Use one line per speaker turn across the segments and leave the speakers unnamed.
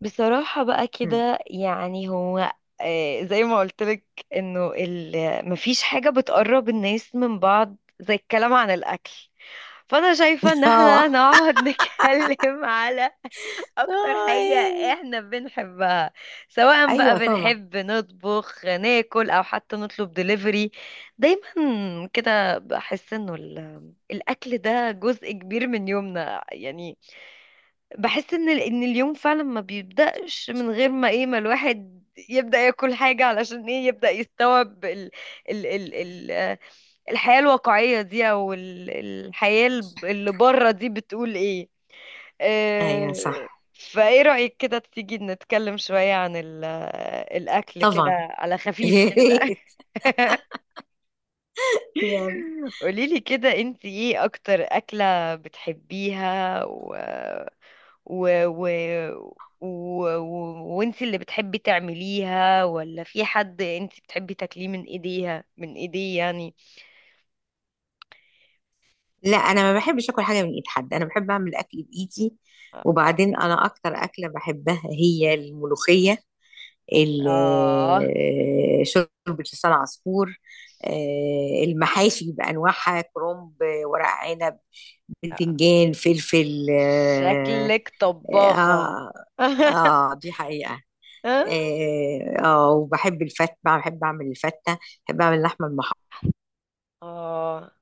بصراحة بقى
مم.
كده يعني هو زي ما قلتلك انه مفيش حاجة بتقرب الناس من بعض زي الكلام عن الأكل. فأنا شايفة ان احنا
اه،
نقعد نتكلم على اكتر
اه،
حاجة
يعني،
احنا بنحبها، سواء بقى
ايوه طبعا.
بنحب نطبخ ناكل او حتى نطلب دليفري. دايما كده بحس انه الاكل ده جزء كبير من يومنا يعني. بحس ان ان اليوم فعلا ما بيبدأش من غير ما ما الواحد يبدأ ياكل حاجة علشان يبدأ يستوعب ال ال ال ال آه، الحياة الواقعية دي او الحياة اللي بره دي بتقول ايه.
ايوه
آه،
صح.
فايه رأيك كده تيجي نتكلم شوية عن الأكل كده
طبعا.
على خفيف
يا
كده؟
ريت. يلا.
قوليلي كده، انت ايه اكتر أكلة بتحبيها و... و... و... و... و... وانت اللي بتحبي تعمليها، ولا في حد انت بتحبي تاكليه من ايديها، من ايديه يعني؟
لا، انا ما بحبش اكل حاجه من ايد حد. انا بحب اعمل اكل بايدي.
اه.
وبعدين انا اكتر اكله بحبها هي الملوخيه، ال-
اه.
شوربه لسان عصفور، المحاشي بانواعها: كرنب، ورق عنب،
آه.
بتنجان،
ش-
فلفل. اه.
شكلك طباخة.
اه، دي حقيقه. اه، وبحب الفتة، بحب اعمل الفتة. بحب اعمل اللحمة المحمرة
اه،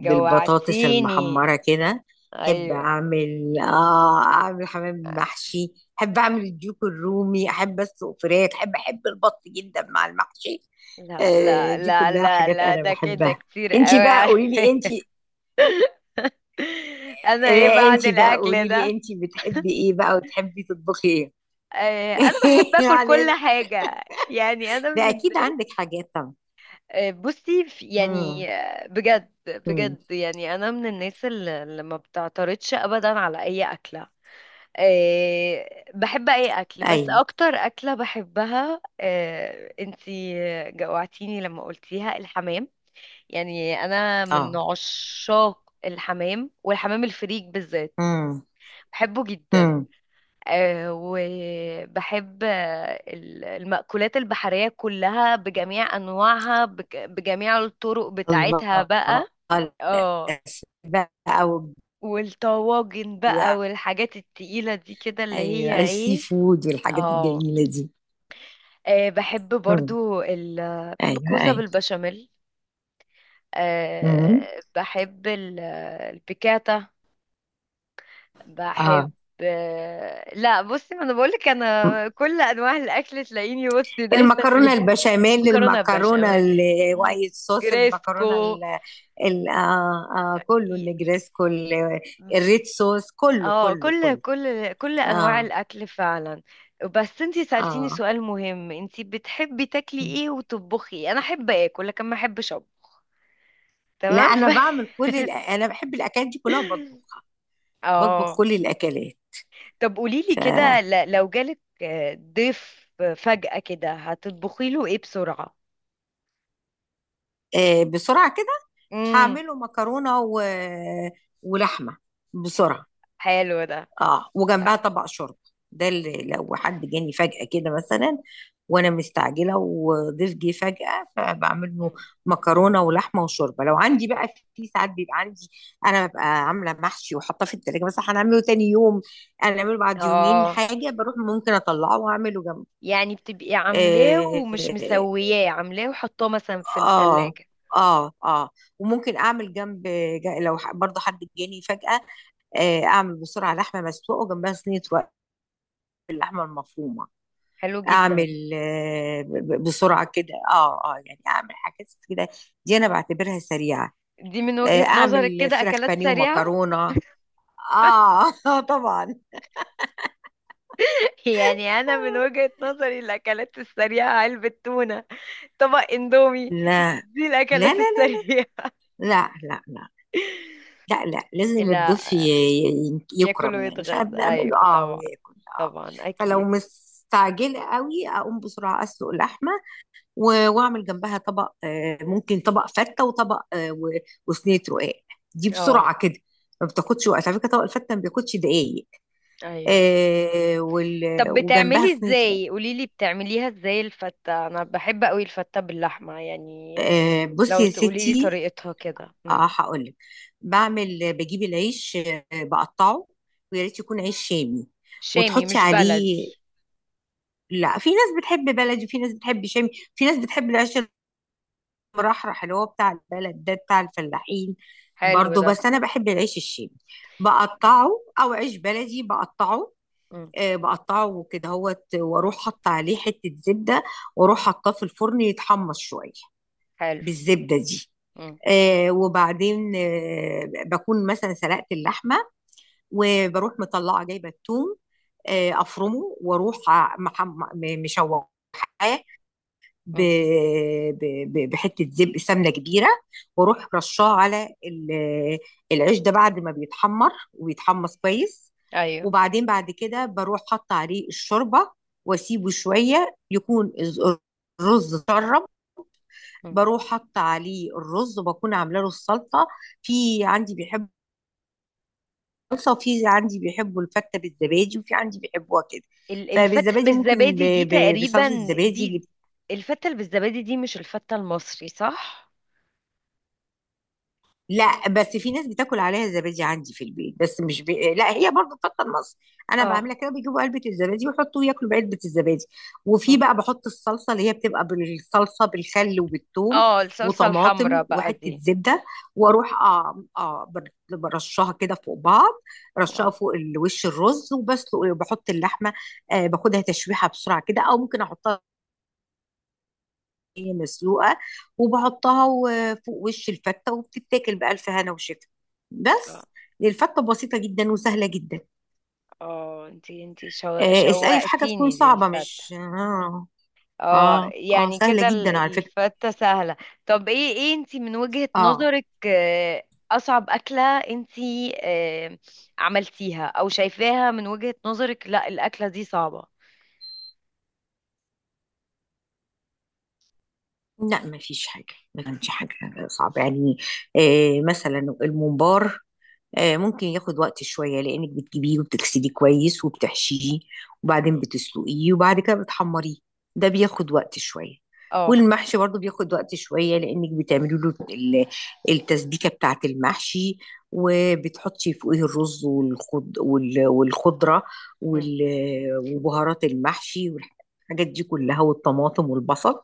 بالبطاطس المحمرة كده. بحب
ايوه.
اعمل حمام محشي. بحب اعمل الديك الرومي، احب اسلق فراخ، احب البط جدا مع المحشي.
لا
آه،
لا
دي
لا
كلها
لا
حاجات
لا
انا
ده كده
بحبها.
كتير
انتي
قوي
بقى قولي لي
عليا.
انتي.
انا ايه
لا،
بعد
انتي بقى
الاكل
قولي لي:
ده؟
انتي بتحبي ايه بقى وتحبي تطبخي ايه؟
انا بحب اكل
معلش.
كل حاجه يعني، انا من
ده اكيد
الناس.
عندك حاجات طبعا.
بصي يعني
امم.
بجد
امم.
بجد، يعني انا من الناس اللي ما بتعترضش ابدا على اي اكله. بحب اي اكل، بس
ايوه.
اكتر اكله بحبها انتي جوعتيني لما قلتيها، الحمام. يعني انا من
آه.
عشاق الحمام، والحمام الفريك بالذات.
إمم.
بحبه جدا.
إمم.
أه، وبحب المأكولات البحرية كلها بجميع أنواعها، بجميع الطرق بتاعتها
الله!
بقى. اه،
الأسماك بقى، و...
والطواجن بقى، والحاجات التقيلة دي كده اللي
أيوه،
هي
الsea
ايه.
food والحاجات
اه.
الجميلة دي.
بحب
إمم.
برضو بحب
أيوه،
الكوسة
أيوه.
بالبشاميل.
إمم.
أه، بحب البيكاتا. بحب.
آه.
لا بصي، ما انا بقولك،
إمم.
انا كل انواع الاكل تلاقيني بصي دايسه
المكرونة
فيه.
البشاميل،
مكرونه
المكرونة
بشاميل،
الwhite sauce، المكرونة
نجريسكو.
ال ال آه، كُلّه
ي-
النجريسكو، الred sauce كُلّه،
اه،
كُلّه،
كل
كُلّه.
كل كل انواع
آه،
الاكل فعلا. بس انتي سألتيني
آه.
سؤال مهم، انتي بتحبي تاكلي
إمم.
ايه وتطبخي إيه؟ انا احب اكل لكن ما احبش اطبخ.
لأ،
تمام.
أنا باعمل كل أنا باحب الأكلات دي كلّها، باطبخها، باطبخ
اه.
كل الأكلات.
طب قوليلي
ف
كده، لو جالك ضيف فجأة كده، هتطبخي له ايه بسرعة؟
بسرعة كده
امم.
هعمله مكرونة ولحمة
ح-
بسرعة.
حلو ده.
اه،
ح-
وجنبها طبق شوربة. ده اللي لو حد جاني فجأة كده مثلا وانا مستعجلة وضيف جه فجأة، فبعمل له
مم.
مكرونة ولحمة وشوربة لو عندي بقى. في ساعات بيبقى عندي، انا ببقى عاملة محشي وحاطاه في التلاجة بس هنعمله تاني يوم، هنعمله بعد يومين
اه،
حاجة. بروح ممكن اطلعه واعمله
يعني بتبقي عاملاه ومش
جنبه.
مسوياه، عاملاه وحطاه مثلا في
اه،
التلاجة.
اه، اه، وممكن اعمل جنب، برضه حد جاني فجأة، اعمل بسرعة لحمة مسلوقة وجنبها صينية رق باللحمة المفرومة.
حلو جدا.
اعمل بسرعة كده، اه، اه، يعني اعمل حاجات كده. دي انا بعتبرها سريعة.
دي من وجهة نظرك
اعمل
كده
فراخ
أكلات
بانيه
سريعة؟
ومكرونة. اه، طبعا.
يعني أنا من وجهة نظري الأكلات السريعة علبة تونة، طبق اندومي،
لا،
دي
لا، لا،
الأكلات
لا،
السريعة.
لا، لا، لا، لا، لا، لازم الضيف
لا، ياكل
يكرم يعني،
ويتغذى،
فبنعمل
أيوة
له اه
طبعا.
وياكل اه.
طبعا
فلو
أكيد.
مستعجله قوي، اقوم بسرعه اسلق اللحمه واعمل جنبها طبق، ممكن طبق فته وطبق، وصينيه رقاق. دي
اه.
بسرعه كده، ما بتاخدش وقت على فكره. طبق الفته ما بياخدش دقايق.
أيوة. طب
وجنبها
بتعملي
صينيه رقاق.
ازاي، قوليلي بتعمليها ازاي الفتة؟ انا بحب قوي الفتة باللحمة يعني.
بصي
لو
يا
تقوليلي
ستي.
طريقتها كده.
اه،
مم.
هقول لك: بجيب العيش، بقطعه، ويا ريت يكون عيش شامي،
شامي
وتحطي
مش
عليه.
بلدي.
لا، في ناس بتحب بلدي، في ناس بتحب شامي، في ناس بتحب العيش المرحرح اللي هو بتاع البلد ده، بتاع الفلاحين
حلو
برضو.
ده.
بس انا بحب العيش الشامي،
مم.
بقطعه، او عيش بلدي بقطعه.
مم.
بقطعه كده هوت، واروح حط عليه حتة زبدة، واروح حطاه في الفرن يتحمص شوية
حلو.
بالزبدة دي.
مم.
وبعدين بكون مثلا سلقت اللحمة، وبروح مطلعة جايبة الثوم، افرمه واروح مشوحاه ب...
مم.
بحته زبق سمنه كبيره، واروح رشاه على العيش ده بعد ما بيتحمر ويتحمص كويس.
ايوه.
وبعدين بعد كده بروح حاطه عليه الشوربه، واسيبه شويه يكون الرز اتشرب.
مم.
بروح حاطه عليه الرز، وبكون عامله له السلطه. في عندي بيحب الصلصه، وفي عندي بيحبوا الفته بالزبادي، وفي عندي بيحبوها كده.
الفتة
فبالزبادي ممكن
بالزبادي دي
بصلصه
تقريبا،
الزبادي
دي
اللي...
الفتة اللي بالزبادي دي مش الفتة المصري صح؟
لا، بس في ناس بتاكل عليها زبادي عندي في البيت، بس مش لا، هي برضه بتفضل مصر. انا
اه.
بعملها كده: بيجيبوا علبه الزبادي ويحطوا ياكلوا بعلبه الزبادي. وفي
مم.
بقى بحط الصلصه، اللي هي بتبقى بالصلصه بالخل وبالثوم
اه، الصلصة
وطماطم
الحمراء بقى
وحته
دي.
زبده، واروح برشها كده فوق بعض، رشها
اه.
فوق الوش الرز. وبسلق بحط اللحمه، باخدها تشويحه بسرعه كده، او ممكن احطها هي مسلوقة، وبحطها فوق وش الفتة، وبتتاكل بألف هنا وشفا.
اه.
بس الفتة بسيطة جدا وسهلة جدا.
اه، انتي انتي
اسألي في حاجة تكون
شوقتيني
صعبة،
للفتة.
مش اه.
اه،
اه، آه،
يعني
سهلة
كده
جدا على فكرة.
الفتة سهلة. طب ايه ايه انتي من وجهة
اه،
نظرك اصعب اكلة انتي عملتيها، او شايفاها من وجهة نظرك لا الاكلة دي صعبة؟
لا ما فيش حاجة، ما كانش حاجة صعبة يعني. آه، مثلا الممبار، آه ممكن ياخد وقت شوية لأنك بتجيبيه وبتغسليه كويس وبتحشيه، وبعدين بتسلقيه، وبعد كده بتحمريه. ده بياخد وقت شوية.
اه.
والمحشي برضو بياخد وقت شوية، لأنك بتعملي له التسبيكة بتاعة المحشي، وبتحطي فوقيه الرز والخض والخضرة
مم.
وبهارات المحشي والحاجات دي كلها والطماطم والبصل،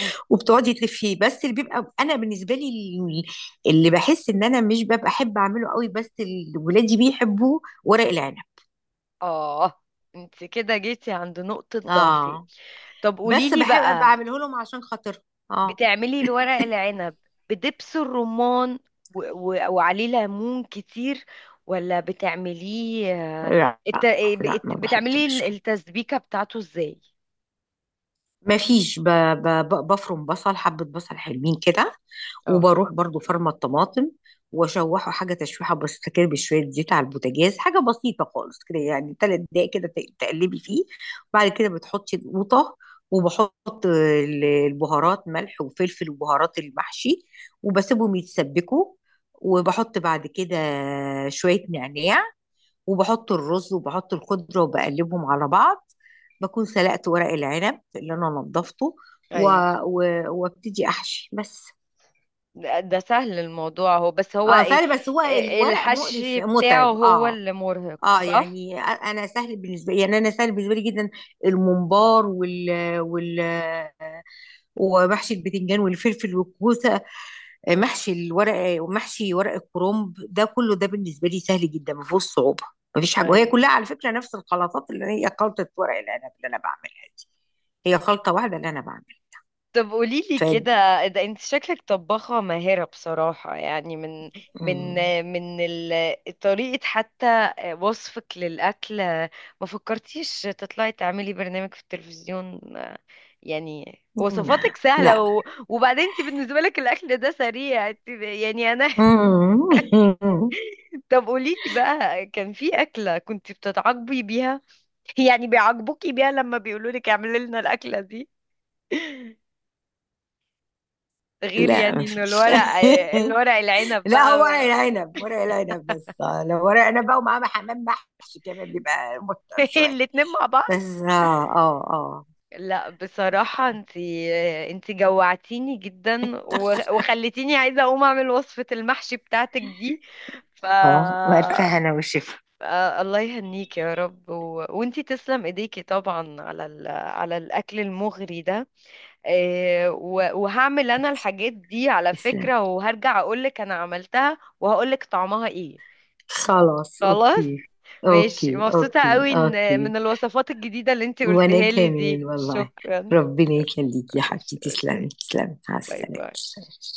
مم.
وبتقعدي تلفيه. بس اللي بيبقى انا بالنسبه لي، ال- اللي بحس ان انا مش ببقى احب اعمله قوي، بس ولادي بيحبوه: ورق العنب.
اه، انت كده جيتي عند نقطة ضعفي.
اه،
طب
بس
قوليلي
بحب
بقى،
بعمله لهم عشان خاطر. اه.
بتعملي الورق العنب بدبس الرمان و... و... وعليه ليمون كتير، ولا بتعمليه آه،
لا،
الت...
لا، لا، ما
بتعمليه
بحطش.
التسبيكة بتاعته ازاي؟
مفيش ب... بفرم بصل. حبة بصل حلوين كده،
اه.
وبروح برضو فرمة الطماطم، واشوحه حاجة تشويحة بسيطة كده بشوية زيت على البوتاجاز، حاجة بسيطة خالص كده. يعني تلات دقايق كده تقلبي فيه. بعد كده بتحطي القوطة، وبحط البهارات: ملح وفلفل وبهارات المحشي، وبسيبهم يتسبكوا. وبحط بعد كده شوية نعناع، وبحط الرز وبحط الخضرة وبقلبهم على بعض. بكون سلقت ورق العنب اللي انا نضفته، و...
ايوه.
وابتدي احشي بس.
ده ده سهل الموضوع، هو بس هو
اه،
ايه؟
سهل بس هو
إيه-
الورق مقرف
الحشي بتاعه
متعب.
هو
اه،
اللي مرهق
اه،
صح؟
يعني انا سهل بالنسبه لي، يعني انا سهل بالنسبه لي جدا: الممبار وال وال ومحشي البتنجان والفلفل والكوسه، محشي الورق، ومحشي ورق الكرنب، ده كله ده بالنسبه لي سهل جدا، ما فيهوش صعوبه. ما فيش حاجه. وهي
ايوه.
كلها على فكره نفس الخلطات، اللي هي خلطه ورق العنب اللي انا بعملها دي، هي خلطه واحده اللي انا بعملها.
طب قولي لي
ف
كده، ده انت شكلك طباخة ماهرة بصراحة، يعني من
مم.
من طريقة حتى وصفك للأكل، ما فكرتيش تطلعي تعملي برنامج في التلفزيون؟ يعني وصفاتك سهلة
لا.
وبعدين انت بالنسبة لك الأكل ده سريع، يعني أنا.
مم.
طب قولي لي بقى، كان في أكلة كنت بتتعاقبي بيها، يعني بيعاقبوكي بيها لما بيقولوا لك اعملي لنا الأكلة، غير
لا،
يعني
ما
انه
فيش.
الورق، الورق العنب
لا،
بقى؟
هو ورق العنب، ورق العنب بس. لو ورق عنب بقى ومعاه حمام محشي كمان، بيبقى متعب شويه
الاتنين مع بعض.
بس. اه، اه، اه.
لا بصراحة، انتي انتي جوعتيني جدا، وخلتيني عايزة اقوم اعمل وصفة المحشي بتاعتك دي. ف
اه، وألف هنا وشفا.
الله يهنيك يا رب، وانتي تسلم ايديكي طبعا على على الاكل المغري ده. وهعمل انا الحاجات دي على
تسلم.
فكرة، وهرجع اقولك انا عملتها وهقولك طعمها ايه.
خلاص.
خلاص.
اوكي. اوكي،
ماشي، مبسوطة
اوكي،
قوي ان من
اوكي.
الوصفات الجديدة اللي انتي
وانا
قلتها لي دي.
كمان والله.
شكرا.
ربنا يخليكي يا
ماشي،
حبيبتي.
ميرسي.
تسلمي، تسلمي. مع
باي باي.
السلامة.